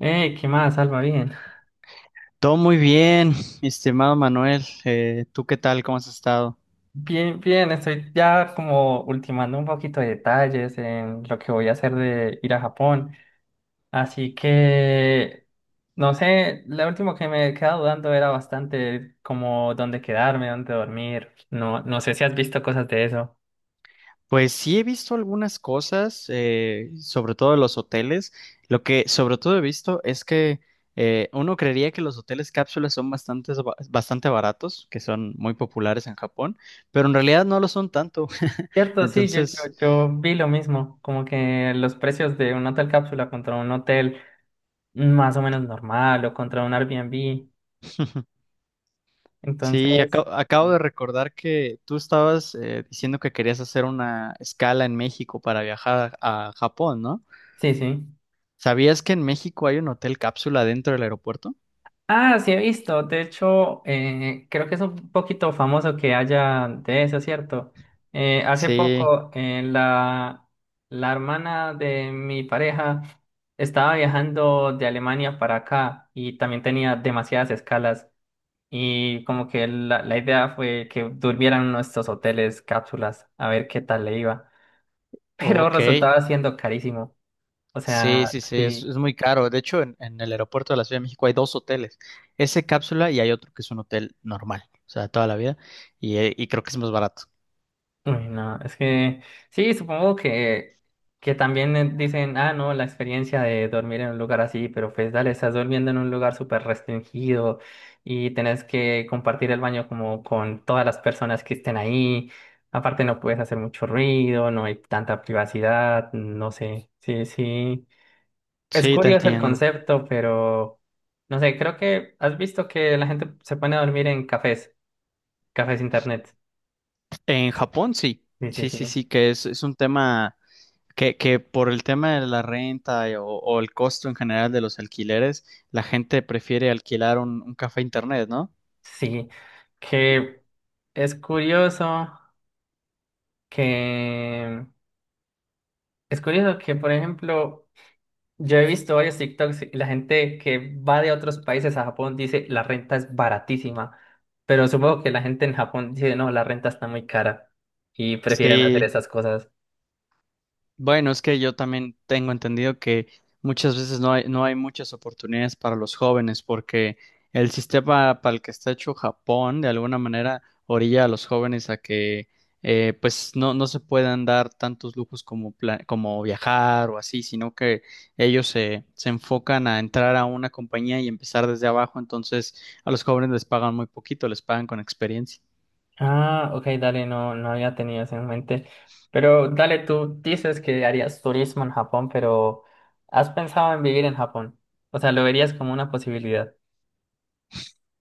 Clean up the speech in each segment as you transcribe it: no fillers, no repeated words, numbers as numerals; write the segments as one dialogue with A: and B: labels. A: Hey, ¿qué más, Alma? Bien.
B: Todo muy bien, mi estimado Manuel. ¿Tú qué tal? ¿Cómo has estado?
A: Bien, bien, estoy ya como ultimando un poquito de detalles en lo que voy a hacer de ir a Japón. Así que, no sé, lo último que me quedaba dudando era bastante como dónde quedarme, dónde dormir. No, no sé si has visto cosas de eso.
B: Pues sí he visto algunas cosas, sobre todo de los hoteles. Lo que sobre todo he visto es que uno creería que los hoteles cápsulas son bastante baratos, que son muy populares en Japón, pero en realidad no lo son tanto.
A: Cierto, sí, yo,
B: Entonces,
A: yo, yo vi lo mismo, como que los precios de un hotel cápsula contra un hotel más o menos normal o contra un Airbnb.
B: sí,
A: Entonces,
B: acabo de recordar que tú estabas diciendo que querías hacer una escala en México para viajar a Japón, ¿no?
A: sí, sí.
B: ¿Sabías que en México hay un hotel cápsula dentro del aeropuerto?
A: Ah, sí he visto. De hecho, creo que es un poquito famoso que haya de eso, ¿cierto? Hace
B: Sí,
A: poco, la hermana de mi pareja estaba viajando de Alemania para acá y también tenía demasiadas escalas y como que la idea fue que durmieran en nuestros hoteles, cápsulas, a ver qué tal le iba. Pero
B: ok.
A: resultaba siendo carísimo. O sea,
B: Sí, sí, sí,
A: sí.
B: es muy caro. De hecho, en el aeropuerto de la Ciudad de México hay dos hoteles. Ese cápsula y hay otro que es un hotel normal, o sea, toda la vida. Y creo que es más barato.
A: Uy, no, es que sí, supongo que también dicen, ah, no, la experiencia de dormir en un lugar así, pero pues dale, estás durmiendo en un lugar súper restringido y tenés que compartir el baño como con todas las personas que estén ahí. Aparte no puedes hacer mucho ruido, no hay tanta privacidad, no sé, sí, sí. Es
B: Sí, te
A: curioso el
B: entiendo.
A: concepto, pero no sé, creo que has visto que la gente se pone a dormir en cafés, cafés internet.
B: En Japón, sí.
A: Sí, sí,
B: Sí,
A: sí.
B: sí, sí, que es un tema que por el tema de la renta o el costo en general de los alquileres, la gente prefiere alquilar un café internet, ¿no?
A: Sí, que es curioso que es curioso que, por ejemplo, yo he visto varios TikToks y la gente que va de otros países a Japón dice la renta es baratísima, pero supongo que la gente en Japón dice no, la renta está muy cara y prefieren hacer
B: Sí,
A: esas cosas.
B: bueno, es que yo también tengo entendido que muchas veces no hay muchas oportunidades para los jóvenes porque el sistema para el que está hecho Japón de alguna manera orilla a los jóvenes a que pues no, no se puedan dar tantos lujos como viajar o así, sino que ellos se enfocan a entrar a una compañía y empezar desde abajo, entonces a los jóvenes les pagan muy poquito, les pagan con experiencia.
A: Ah, ok, dale, no, no había tenido eso en mente. Pero dale, tú dices que harías turismo en Japón, pero ¿has pensado en vivir en Japón? O sea, ¿lo verías como una posibilidad?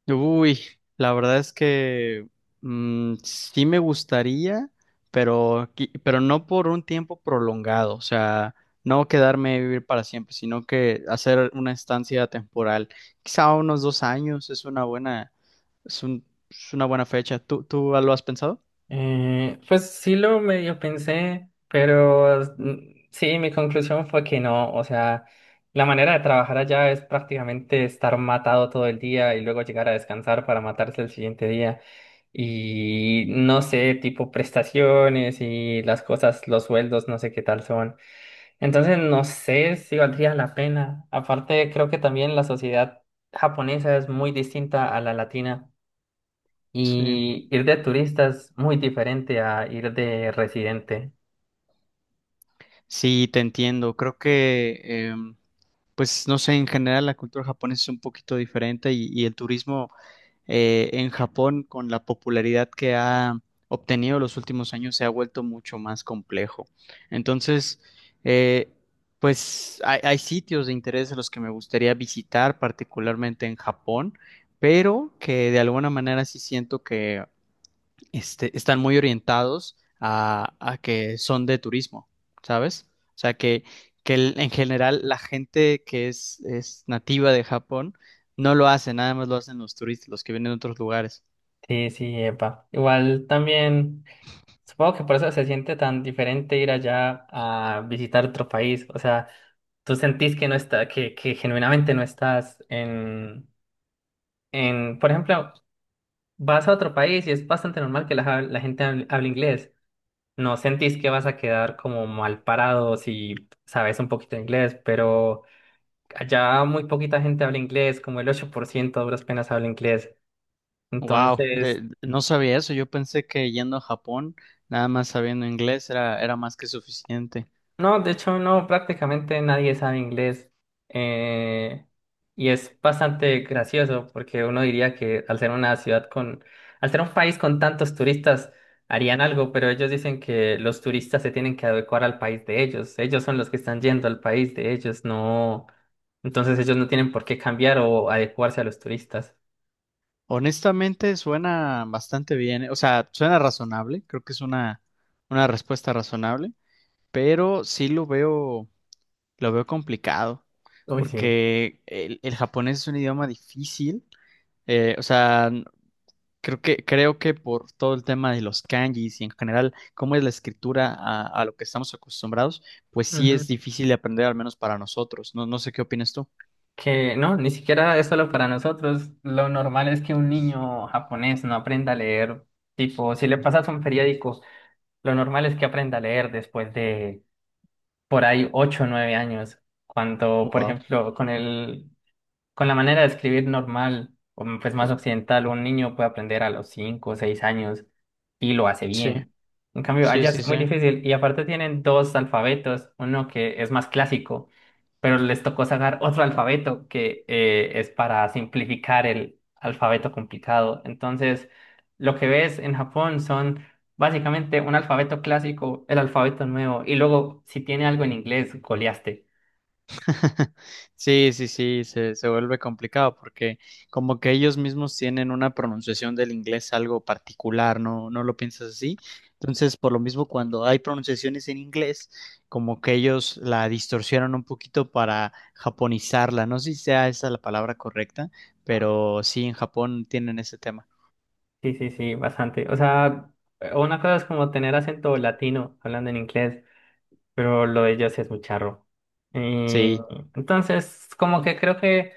B: Uy, la verdad es que sí me gustaría, pero, pero no por un tiempo prolongado, o sea, no quedarme a vivir para siempre, sino que hacer una estancia temporal, quizá unos 2 años es una buena, es una buena fecha. ¿Tú, tú lo has pensado?
A: Pues sí lo medio pensé, pero mm, sí, mi conclusión fue que no, o sea, la manera de trabajar allá es prácticamente estar matado todo el día y luego llegar a descansar para matarse el siguiente día. Y no sé, tipo prestaciones y las cosas, los sueldos, no sé qué tal son. Entonces no sé si valdría la pena. Aparte, creo que también la sociedad japonesa es muy distinta a la latina.
B: Sí.
A: Y ir de turista es muy diferente a ir de residente.
B: Sí, te entiendo. Creo que, em, pues, no sé, en general la cultura japonesa es un poquito diferente y el turismo en Japón, con la popularidad que ha obtenido los últimos años, se ha vuelto mucho más complejo. Entonces, eh, pues hay sitios de interés a los que me gustaría visitar, particularmente en Japón, pero que de alguna manera sí siento que este, están muy orientados a que son de turismo, ¿sabes? O sea, en general la gente que es nativa de Japón no lo hace, nada más lo hacen los turistas, los que vienen de otros lugares.
A: Sí, sí, epa. Igual también, supongo que por eso se siente tan diferente ir allá a visitar otro país. O sea, tú sentís que no está, que genuinamente no estás en, por ejemplo, vas a otro país y es bastante normal que la gente hable inglés. No sentís que vas a quedar como mal parado si sabes un poquito de inglés, pero allá muy poquita gente habla inglés, como el 8% a duras penas habla inglés.
B: Wow,
A: Entonces,
B: no sabía eso. Yo pensé que yendo a Japón, nada más sabiendo inglés era más que suficiente.
A: no, de hecho, no, prácticamente nadie sabe inglés. Eh, y es bastante gracioso porque uno diría que al ser un país con tantos turistas, harían algo, pero ellos dicen que los turistas se tienen que adecuar al país de ellos. Ellos son los que están yendo al país de ellos, no. Entonces ellos no tienen por qué cambiar o adecuarse a los turistas.
B: Honestamente, suena bastante bien, o sea, suena razonable, creo que es una respuesta razonable, pero sí lo veo, lo veo complicado,
A: Uy, sí.
B: porque el japonés es un idioma difícil. O sea, creo que por todo el tema de los kanjis y en general cómo es la escritura a lo que estamos acostumbrados, pues sí es
A: Ujú.
B: difícil de aprender, al menos para nosotros. No, no sé qué opinas tú.
A: Que no, ni siquiera es solo para nosotros. Lo normal es que un niño japonés no aprenda a leer. Tipo, si le pasas un periódico, lo normal es que aprenda a leer después de por ahí 8 o 9 años. Cuando, por
B: Wow.
A: ejemplo, con la manera de escribir normal, o pues más occidental, un niño puede aprender a los 5, o 6 años y lo hace
B: Sí,
A: bien. En cambio,
B: sí,
A: allá
B: sí,
A: es
B: sí.
A: muy difícil y aparte tienen dos alfabetos, uno que es más clásico, pero les tocó sacar otro alfabeto que es para simplificar el alfabeto complicado. Entonces, lo que ves en Japón son básicamente un alfabeto clásico, el alfabeto nuevo y luego si tiene algo en inglés, goleaste.
B: Sí, sí, sí, se vuelve complicado porque como que ellos mismos tienen una pronunciación del inglés algo particular, ¿no? ¿No lo piensas así? Entonces, por lo mismo, cuando hay pronunciaciones en inglés, como que ellos la distorsionan un poquito para japonizarla. No sé si sea esa la palabra correcta, pero sí, en Japón tienen ese tema.
A: Sí, sí, sí, bastante. O sea, una cosa es como tener acento latino hablando en inglés, pero lo de ellos es muy charro. Y
B: Sí,
A: entonces, como que creo que,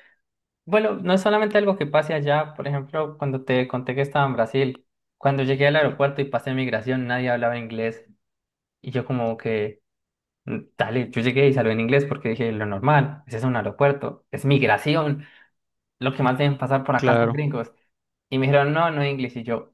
A: bueno, no es solamente algo que pase allá. Por ejemplo, cuando te conté que estaba en Brasil, cuando llegué al aeropuerto y pasé migración, nadie hablaba inglés. Y yo como que, mm, dale, yo llegué y salí en inglés porque dije, lo normal, ese es un aeropuerto, es migración, lo que más deben pasar por acá son
B: claro.
A: gringos. Y me dijeron, no, no inglés. Y yo,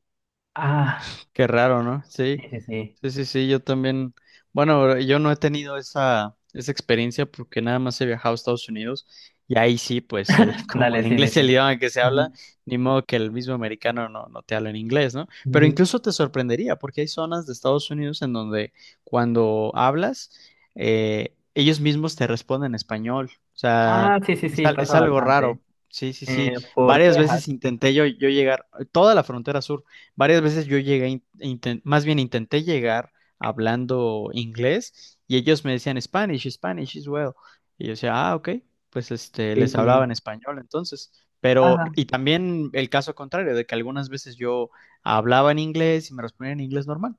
A: ah,
B: Qué raro, ¿no?
A: sí,
B: Sí,
A: sí, sí.
B: sí, sí, sí, yo también. Bueno, yo no he tenido esa experiencia porque nada más he viajado a Estados Unidos y ahí sí, pues como
A: Dale,
B: el
A: sí, sí,
B: inglés es
A: sí.
B: el idioma que se habla,
A: Ujú,
B: ni modo que el mismo americano no, no te habla en inglés, ¿no? Pero
A: ujú.
B: incluso te sorprendería porque hay zonas de Estados Unidos en donde cuando hablas, ellos mismos te responden en español. O sea,
A: Ah, sí, sí, sí, pasa
B: es algo
A: bastante.
B: raro. Sí, sí, sí.
A: Por
B: Varias
A: Texas.
B: veces intenté yo llegar, toda la frontera sur. Varias veces yo llegué, más bien intenté llegar hablando inglés y ellos me decían Spanish, Spanish as well. Y yo decía, ah, ok, pues este,
A: Sí,
B: les hablaba
A: sí.
B: en español entonces. Pero,
A: Ajá.
B: y también el caso contrario, de que algunas veces yo hablaba en inglés y me respondían en inglés normal.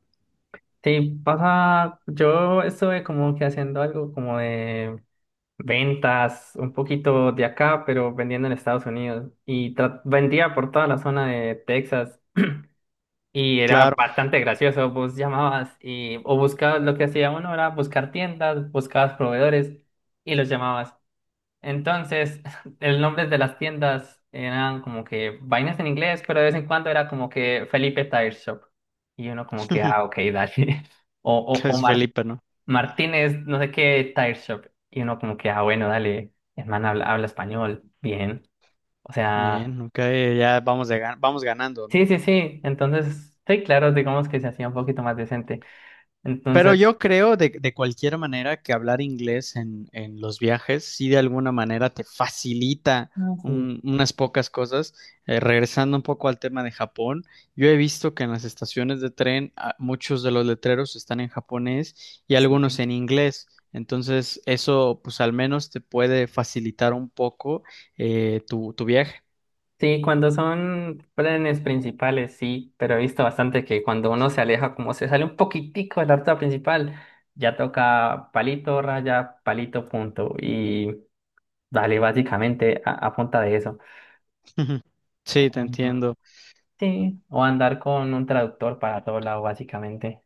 A: Sí, pasa. Yo estuve como que haciendo algo como de ventas, un poquito de acá, pero vendiendo en Estados Unidos. Y vendía por toda la zona de Texas. Y era
B: Claro,
A: bastante gracioso. Vos llamabas y, o buscabas, lo que hacía uno era buscar tiendas, buscabas proveedores y los llamabas. Entonces, el nombre de las tiendas eran como que vainas en inglés, pero de vez en cuando era como que Felipe Tire Shop. Y uno como que, ah, ok, dale. O, o,
B: que
A: o
B: es
A: Mar-
B: Felipe, ¿no?
A: Martínez, no sé qué, Tire Shop. Y uno como que, ah, bueno, dale, hermano, habla español, bien. O sea,
B: Bien, ok, ya vamos, vamos ganando, ¿no?
A: sí, sí, sí. Entonces, sí, claro, digamos que se hacía un poquito más decente.
B: Pero
A: Entonces,
B: yo creo de cualquier manera que hablar inglés en los viajes sí de alguna manera te facilita
A: Mm.
B: unas pocas cosas. Regresando un poco al tema de Japón, yo he visto que en las estaciones de tren ah, muchos de los letreros están en japonés y
A: sí,
B: algunos
A: sí.
B: en inglés. Entonces eso pues al menos te puede facilitar un poco tu viaje.
A: Sí, cuando son planes principales, sí, pero he visto bastante que cuando uno se aleja, como se sale un poquitico de la ruta principal, ya toca palito, raya, palito, punto. Y dale, básicamente a punta de eso.
B: Sí, te
A: Ujú.
B: entiendo.
A: Sí, o andar con un traductor para todo lado, básicamente.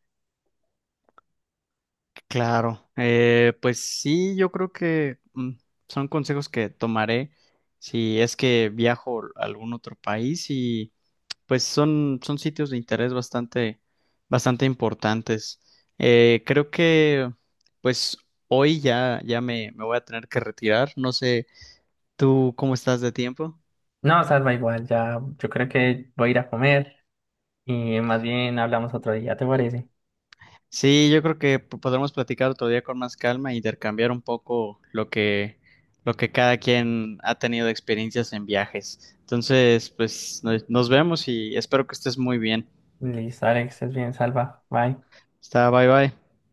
B: Claro, pues sí, yo creo que son consejos que tomaré si es que viajo a algún otro país y pues son, son sitios de interés bastante importantes. Creo que pues hoy ya, me voy a tener que retirar. No sé, ¿tú cómo estás de tiempo?
A: No, salva igual, ya yo creo que voy a ir a comer y más bien hablamos otro día, ¿te parece?
B: Sí, yo creo que podremos platicar otro día con más calma e intercambiar un poco lo que cada quien ha tenido de experiencias en viajes. Entonces, pues nos nos vemos y espero que estés muy bien.
A: Listo, Alex, es bien, salva, bye.
B: Está, bye bye.